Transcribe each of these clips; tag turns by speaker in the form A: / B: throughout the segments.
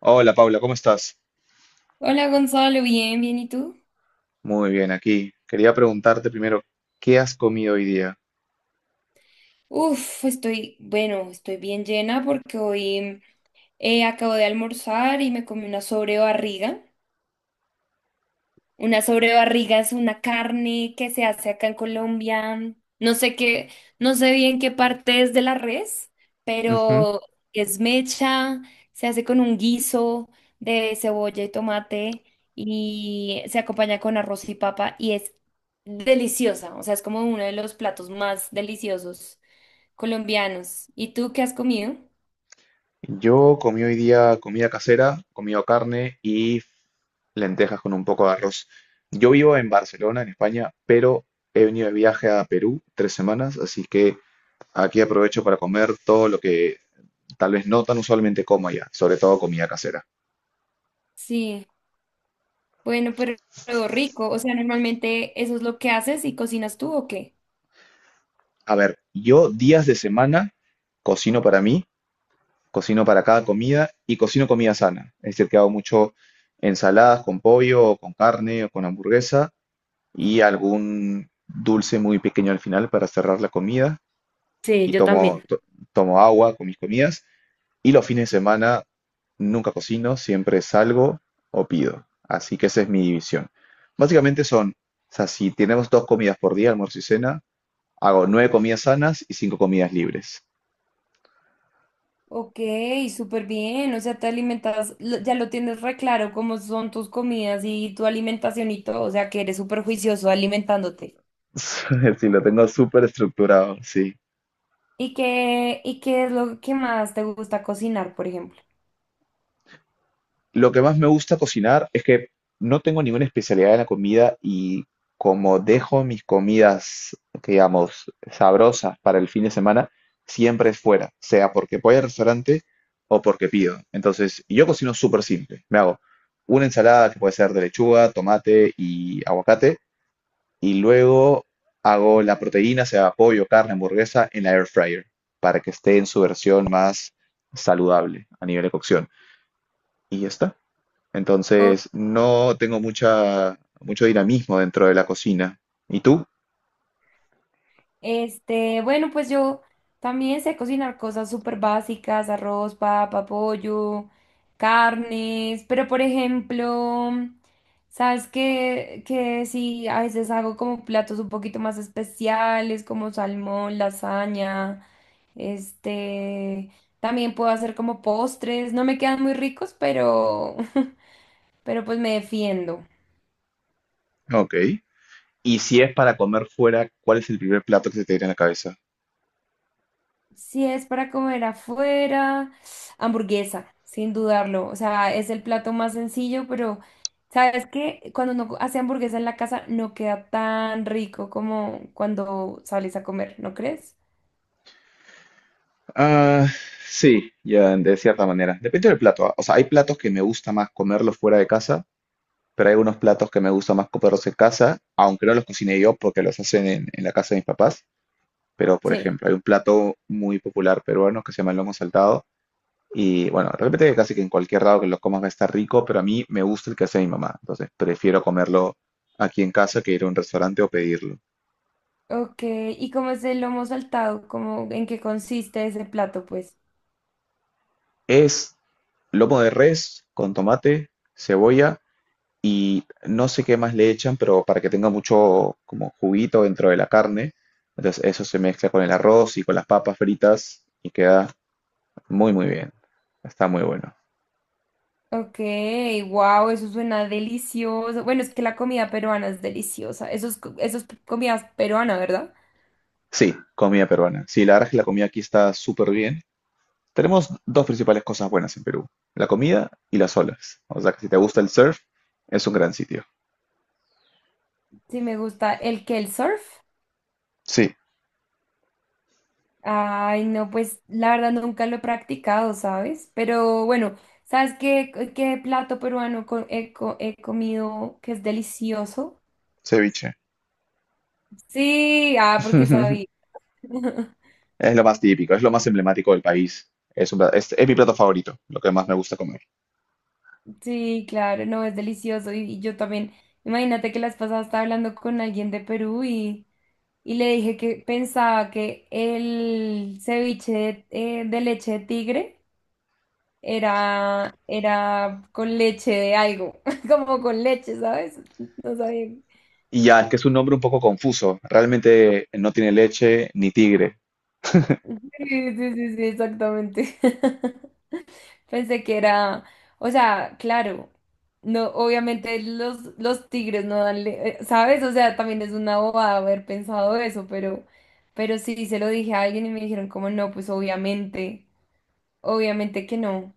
A: Hola Paula, ¿cómo estás?
B: Hola Gonzalo, bien, bien, ¿y tú?
A: Muy bien, aquí. Quería preguntarte primero, ¿qué has comido hoy día?
B: Uf, estoy, bueno, estoy bien llena porque hoy acabo de almorzar y me comí una sobrebarriga. Una sobrebarriga es una carne que se hace acá en Colombia. No sé qué, no sé bien qué parte es de la res,
A: Ujú.
B: pero es mecha, se hace con un guiso de cebolla y tomate y se acompaña con arroz y papa y es deliciosa, o sea, es como uno de los platos más deliciosos colombianos. ¿Y tú qué has comido?
A: Yo comí hoy día comida casera, comido carne y lentejas con un poco de arroz. Yo vivo en Barcelona, en España, pero he venido de viaje a Perú 3 semanas, así que aquí aprovecho para comer todo lo que tal vez no tan usualmente como allá, sobre todo comida casera.
B: Sí, bueno, pero rico. O sea, normalmente, ¿eso es lo que haces y cocinas tú o qué?
A: A ver, yo días de semana cocino para mí, cocino para cada comida y cocino comida sana. Es decir, que hago mucho ensaladas con pollo, o con carne o con hamburguesa y algún dulce muy pequeño al final para cerrar la comida.
B: Sí,
A: Y
B: yo también.
A: tomo agua con mis comidas. Y los fines de semana nunca cocino, siempre salgo o pido. Así que esa es mi división. Básicamente son, o sea, si tenemos dos comidas por día, almuerzo y cena, hago nueve comidas sanas y cinco comidas libres.
B: Ok, súper bien. O sea, te alimentas, ya lo tienes re claro cómo son tus comidas y tu alimentación y todo. O sea, que eres súper juicioso alimentándote.
A: Si lo tengo súper estructurado, sí.
B: ¿Y qué es lo que más te gusta cocinar, por ejemplo?
A: Lo que más me gusta cocinar es que no tengo ninguna especialidad en la comida y como dejo mis comidas, digamos, sabrosas para el fin de semana, siempre es fuera, sea porque voy al restaurante o porque pido. Entonces, yo cocino súper simple. Me hago una ensalada que puede ser de lechuga, tomate y aguacate y luego hago la proteína, sea pollo, carne, hamburguesa, en la air fryer para que esté en su versión más saludable a nivel de cocción. Y ya está. Entonces, no tengo mucho dinamismo dentro de la cocina. ¿Y tú?
B: Bueno, pues yo también sé cocinar cosas súper básicas, arroz, papa, pollo, carnes, pero por ejemplo, sabes que sí, a veces hago como platos un poquito más especiales, como salmón, lasaña, este, también puedo hacer como postres, no me quedan muy ricos, pero, pero pues me defiendo.
A: Ok. Y si es para comer fuera, ¿cuál es el primer plato que se te viene a la cabeza?
B: Si es para comer afuera, hamburguesa, sin dudarlo. O sea, es el plato más sencillo, pero sabes que cuando uno hace hamburguesa en la casa no queda tan rico como cuando sales a comer, ¿no crees?
A: Ah, sí, ya, de cierta manera. Depende del plato. Ah. O sea, hay platos que me gusta más comerlos fuera de casa, pero hay unos platos que me gusta más comerlos en casa, aunque no los cocine yo porque los hacen en la casa de mis papás. Pero, por
B: Sí.
A: ejemplo, hay un plato muy popular peruano que se llama el lomo saltado. Y bueno, de repente casi que en cualquier lado que lo comas va a estar rico, pero a mí me gusta el que hace mi mamá. Entonces prefiero comerlo aquí en casa que ir a un restaurante o pedirlo.
B: Ok, ¿y cómo es el lomo saltado? ¿Cómo, en qué consiste ese plato, pues?
A: Es lomo de res con tomate, cebolla y no sé qué más le echan, pero para que tenga mucho como juguito dentro de la carne. Entonces eso se mezcla con el arroz y con las papas fritas y queda muy muy bien. Está muy bueno.
B: Ok, wow, eso suena delicioso. Bueno, es que la comida peruana es deliciosa. Eso es, eso es comida peruana, ¿verdad?
A: Sí, comida peruana. Sí, la verdad es que la comida aquí está súper bien. Tenemos dos principales cosas buenas en Perú, la comida y las olas. O sea que si te gusta el surf, es un gran sitio.
B: Sí, me gusta. El que el surf.
A: Sí,
B: Ay, no, pues la verdad nunca lo he practicado, ¿sabes? Pero bueno, ¿sabes qué plato peruano he comido que es delicioso?
A: ceviche.
B: Sí, ah, porque sabía.
A: Es lo más típico, es lo más emblemático del país. Es mi plato favorito, lo que más me gusta comer.
B: Sí, claro, no, es delicioso. Y yo también, imagínate que las pasadas estaba hablando con alguien de Perú y le dije que pensaba que el ceviche de leche de tigre era, era con leche de algo, como con leche, ¿sabes? No sabía.
A: Y ya, es que es un nombre un poco confuso. Realmente no tiene leche ni tigre.
B: Sí, sí, sí, sí, exactamente. Pensé que era, o sea, claro, no, obviamente los tigres no dan, ¿sabes? O sea, también es una bobada haber pensado eso, pero sí, se lo dije a alguien y me dijeron como no, pues obviamente, obviamente que no.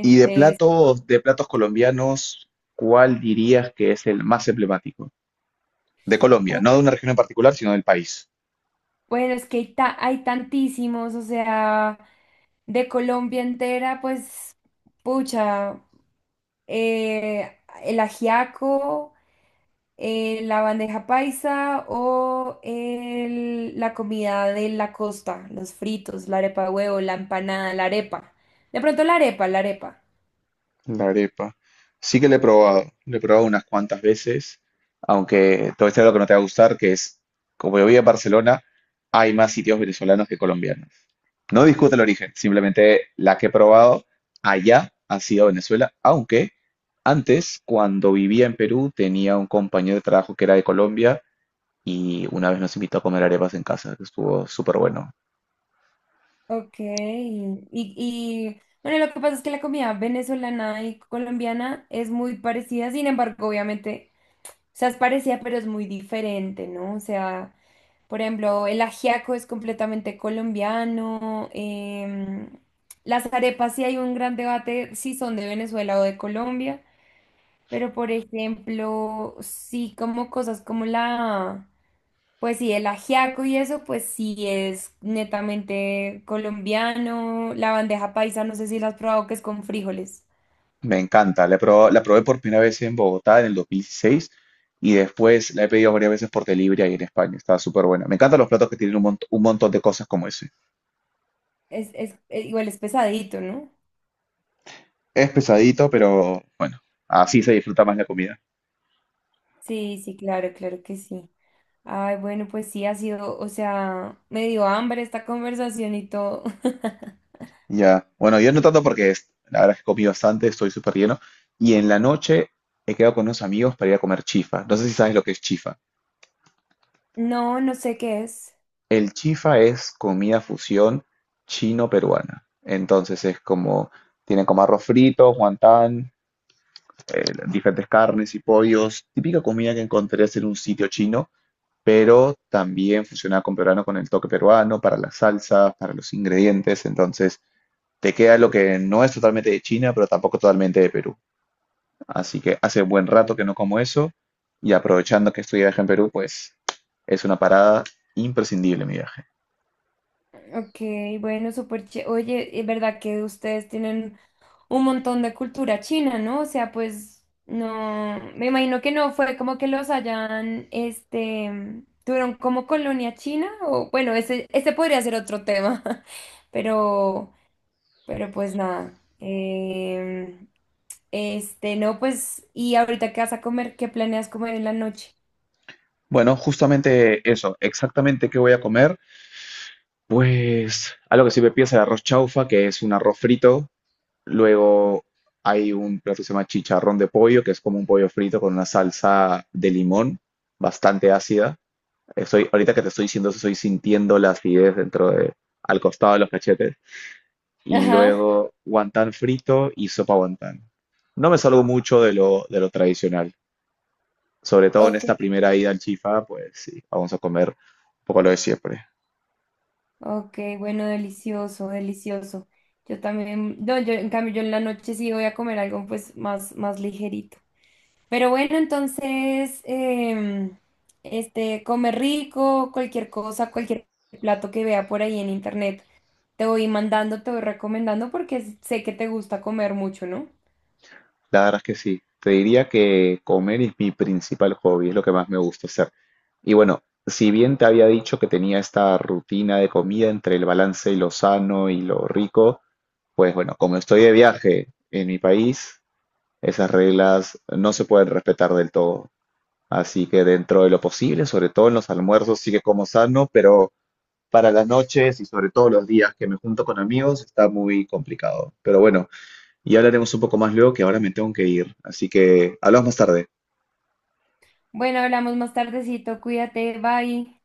A: Y
B: es-
A: de platos colombianos, ¿cuál dirías que es el más emblemático? De Colombia,
B: u-
A: no de una región en particular, sino del país.
B: bueno, es que hay tantísimos, o sea... De Colombia entera, pues, pucha, el ajiaco, la bandeja paisa o la comida de la costa, los fritos, la arepa de huevo, la empanada, la arepa. De pronto la arepa, la arepa.
A: La arepa. Sí que le he probado unas cuantas veces, aunque todo esto es lo que no te va a gustar, que es, como yo vivo en Barcelona, hay más sitios venezolanos que colombianos. No discuto el origen, simplemente la que he probado allá ha sido Venezuela, aunque antes, cuando vivía en Perú, tenía un compañero de trabajo que era de Colombia y una vez nos invitó a comer arepas en casa, que estuvo súper bueno.
B: Ok. Y bueno, lo que pasa es que la comida venezolana y colombiana es muy parecida, sin embargo, obviamente, o sea, es parecida, pero es muy diferente, ¿no? O sea... Por ejemplo, el ajiaco es completamente colombiano. Las arepas sí, hay un gran debate si son de Venezuela o de Colombia. Pero, por ejemplo, sí como cosas como pues sí, el ajiaco y eso, pues sí es netamente colombiano. La bandeja paisa, no sé si la has probado, que es con frijoles.
A: Me encanta. La he probado- la probé por primera vez en Bogotá en el 2016 y después la he pedido varias veces por delivery ahí en España. Está súper buena. Me encantan los platos que tienen un montón de cosas como ese.
B: Es, igual es pesadito, ¿no?
A: Es pesadito, pero bueno, así se disfruta más la comida.
B: Sí, sí, claro, claro que sí. Ay, bueno, pues sí, ha sido, o sea, me dio hambre esta conversación y todo.
A: Ya. Bueno, yo no tanto porque es- la verdad es que comí bastante, estoy súper lleno. Y en la noche he quedado con unos amigos para ir a comer chifa. No sé si sabes lo que es chifa.
B: No, no sé qué es.
A: El chifa es comida fusión chino-peruana. Entonces es como, tienen como arroz frito, guantán, diferentes carnes y pollos, típica comida que encontrarías en un sitio chino, pero también fusionada con peruano, con el toque peruano, para las salsas, para los ingredientes, entonces te queda lo que no es totalmente de China, pero tampoco totalmente de Perú. Así que hace buen rato que no como eso y aprovechando que estoy de viaje en Perú, pues es una parada imprescindible mi viaje.
B: Ok, bueno, súper oye, es verdad que ustedes tienen un montón de cultura china, ¿no? O sea, pues no, me imagino que no fue como que los hayan, este, tuvieron como colonia china o bueno, ese podría ser otro tema, pero, pero pues nada. No, pues, ¿y ahorita qué vas a comer? ¿Qué planeas comer en la noche?
A: Bueno, justamente eso, exactamente qué voy a comer. Pues algo que siempre piensa el arroz chaufa, que es un arroz frito. Luego hay un plato que se llama chicharrón de pollo, que es como un pollo frito con una salsa de limón bastante ácida. Estoy, ahorita que te estoy diciendo eso, estoy sintiendo la acidez dentro de, al costado de los cachetes. Y
B: Ajá,
A: luego guantán frito y sopa guantán. No me salgo mucho de lo tradicional. Sobre todo en
B: ok,
A: esta primera ida al Chifa, pues sí, vamos a comer un poco lo de siempre.
B: ok, bueno, delicioso, delicioso. Yo también, no, yo en cambio yo en la noche sí voy a comer algo pues más, más ligerito. Pero bueno, entonces, come rico, cualquier cosa, cualquier plato que vea por ahí en internet, te voy mandando, te voy recomendando porque sé que te gusta comer mucho, ¿no?
A: La verdad es que sí. Te diría que comer es mi principal hobby, es lo que más me gusta hacer. Y bueno, si bien te había dicho que tenía esta rutina de comida entre el balance y lo sano y lo rico, pues bueno, como estoy de viaje en mi país, esas reglas no se pueden respetar del todo. Así que dentro de lo posible, sobre todo en los almuerzos, sí que como sano, pero para las noches y sobre todo los días que me junto con amigos está muy complicado. Pero bueno, y hablaremos un poco más luego, que ahora me tengo que ir. Así que hablamos más tarde.
B: Bueno, hablamos más tardecito, cuídate, bye.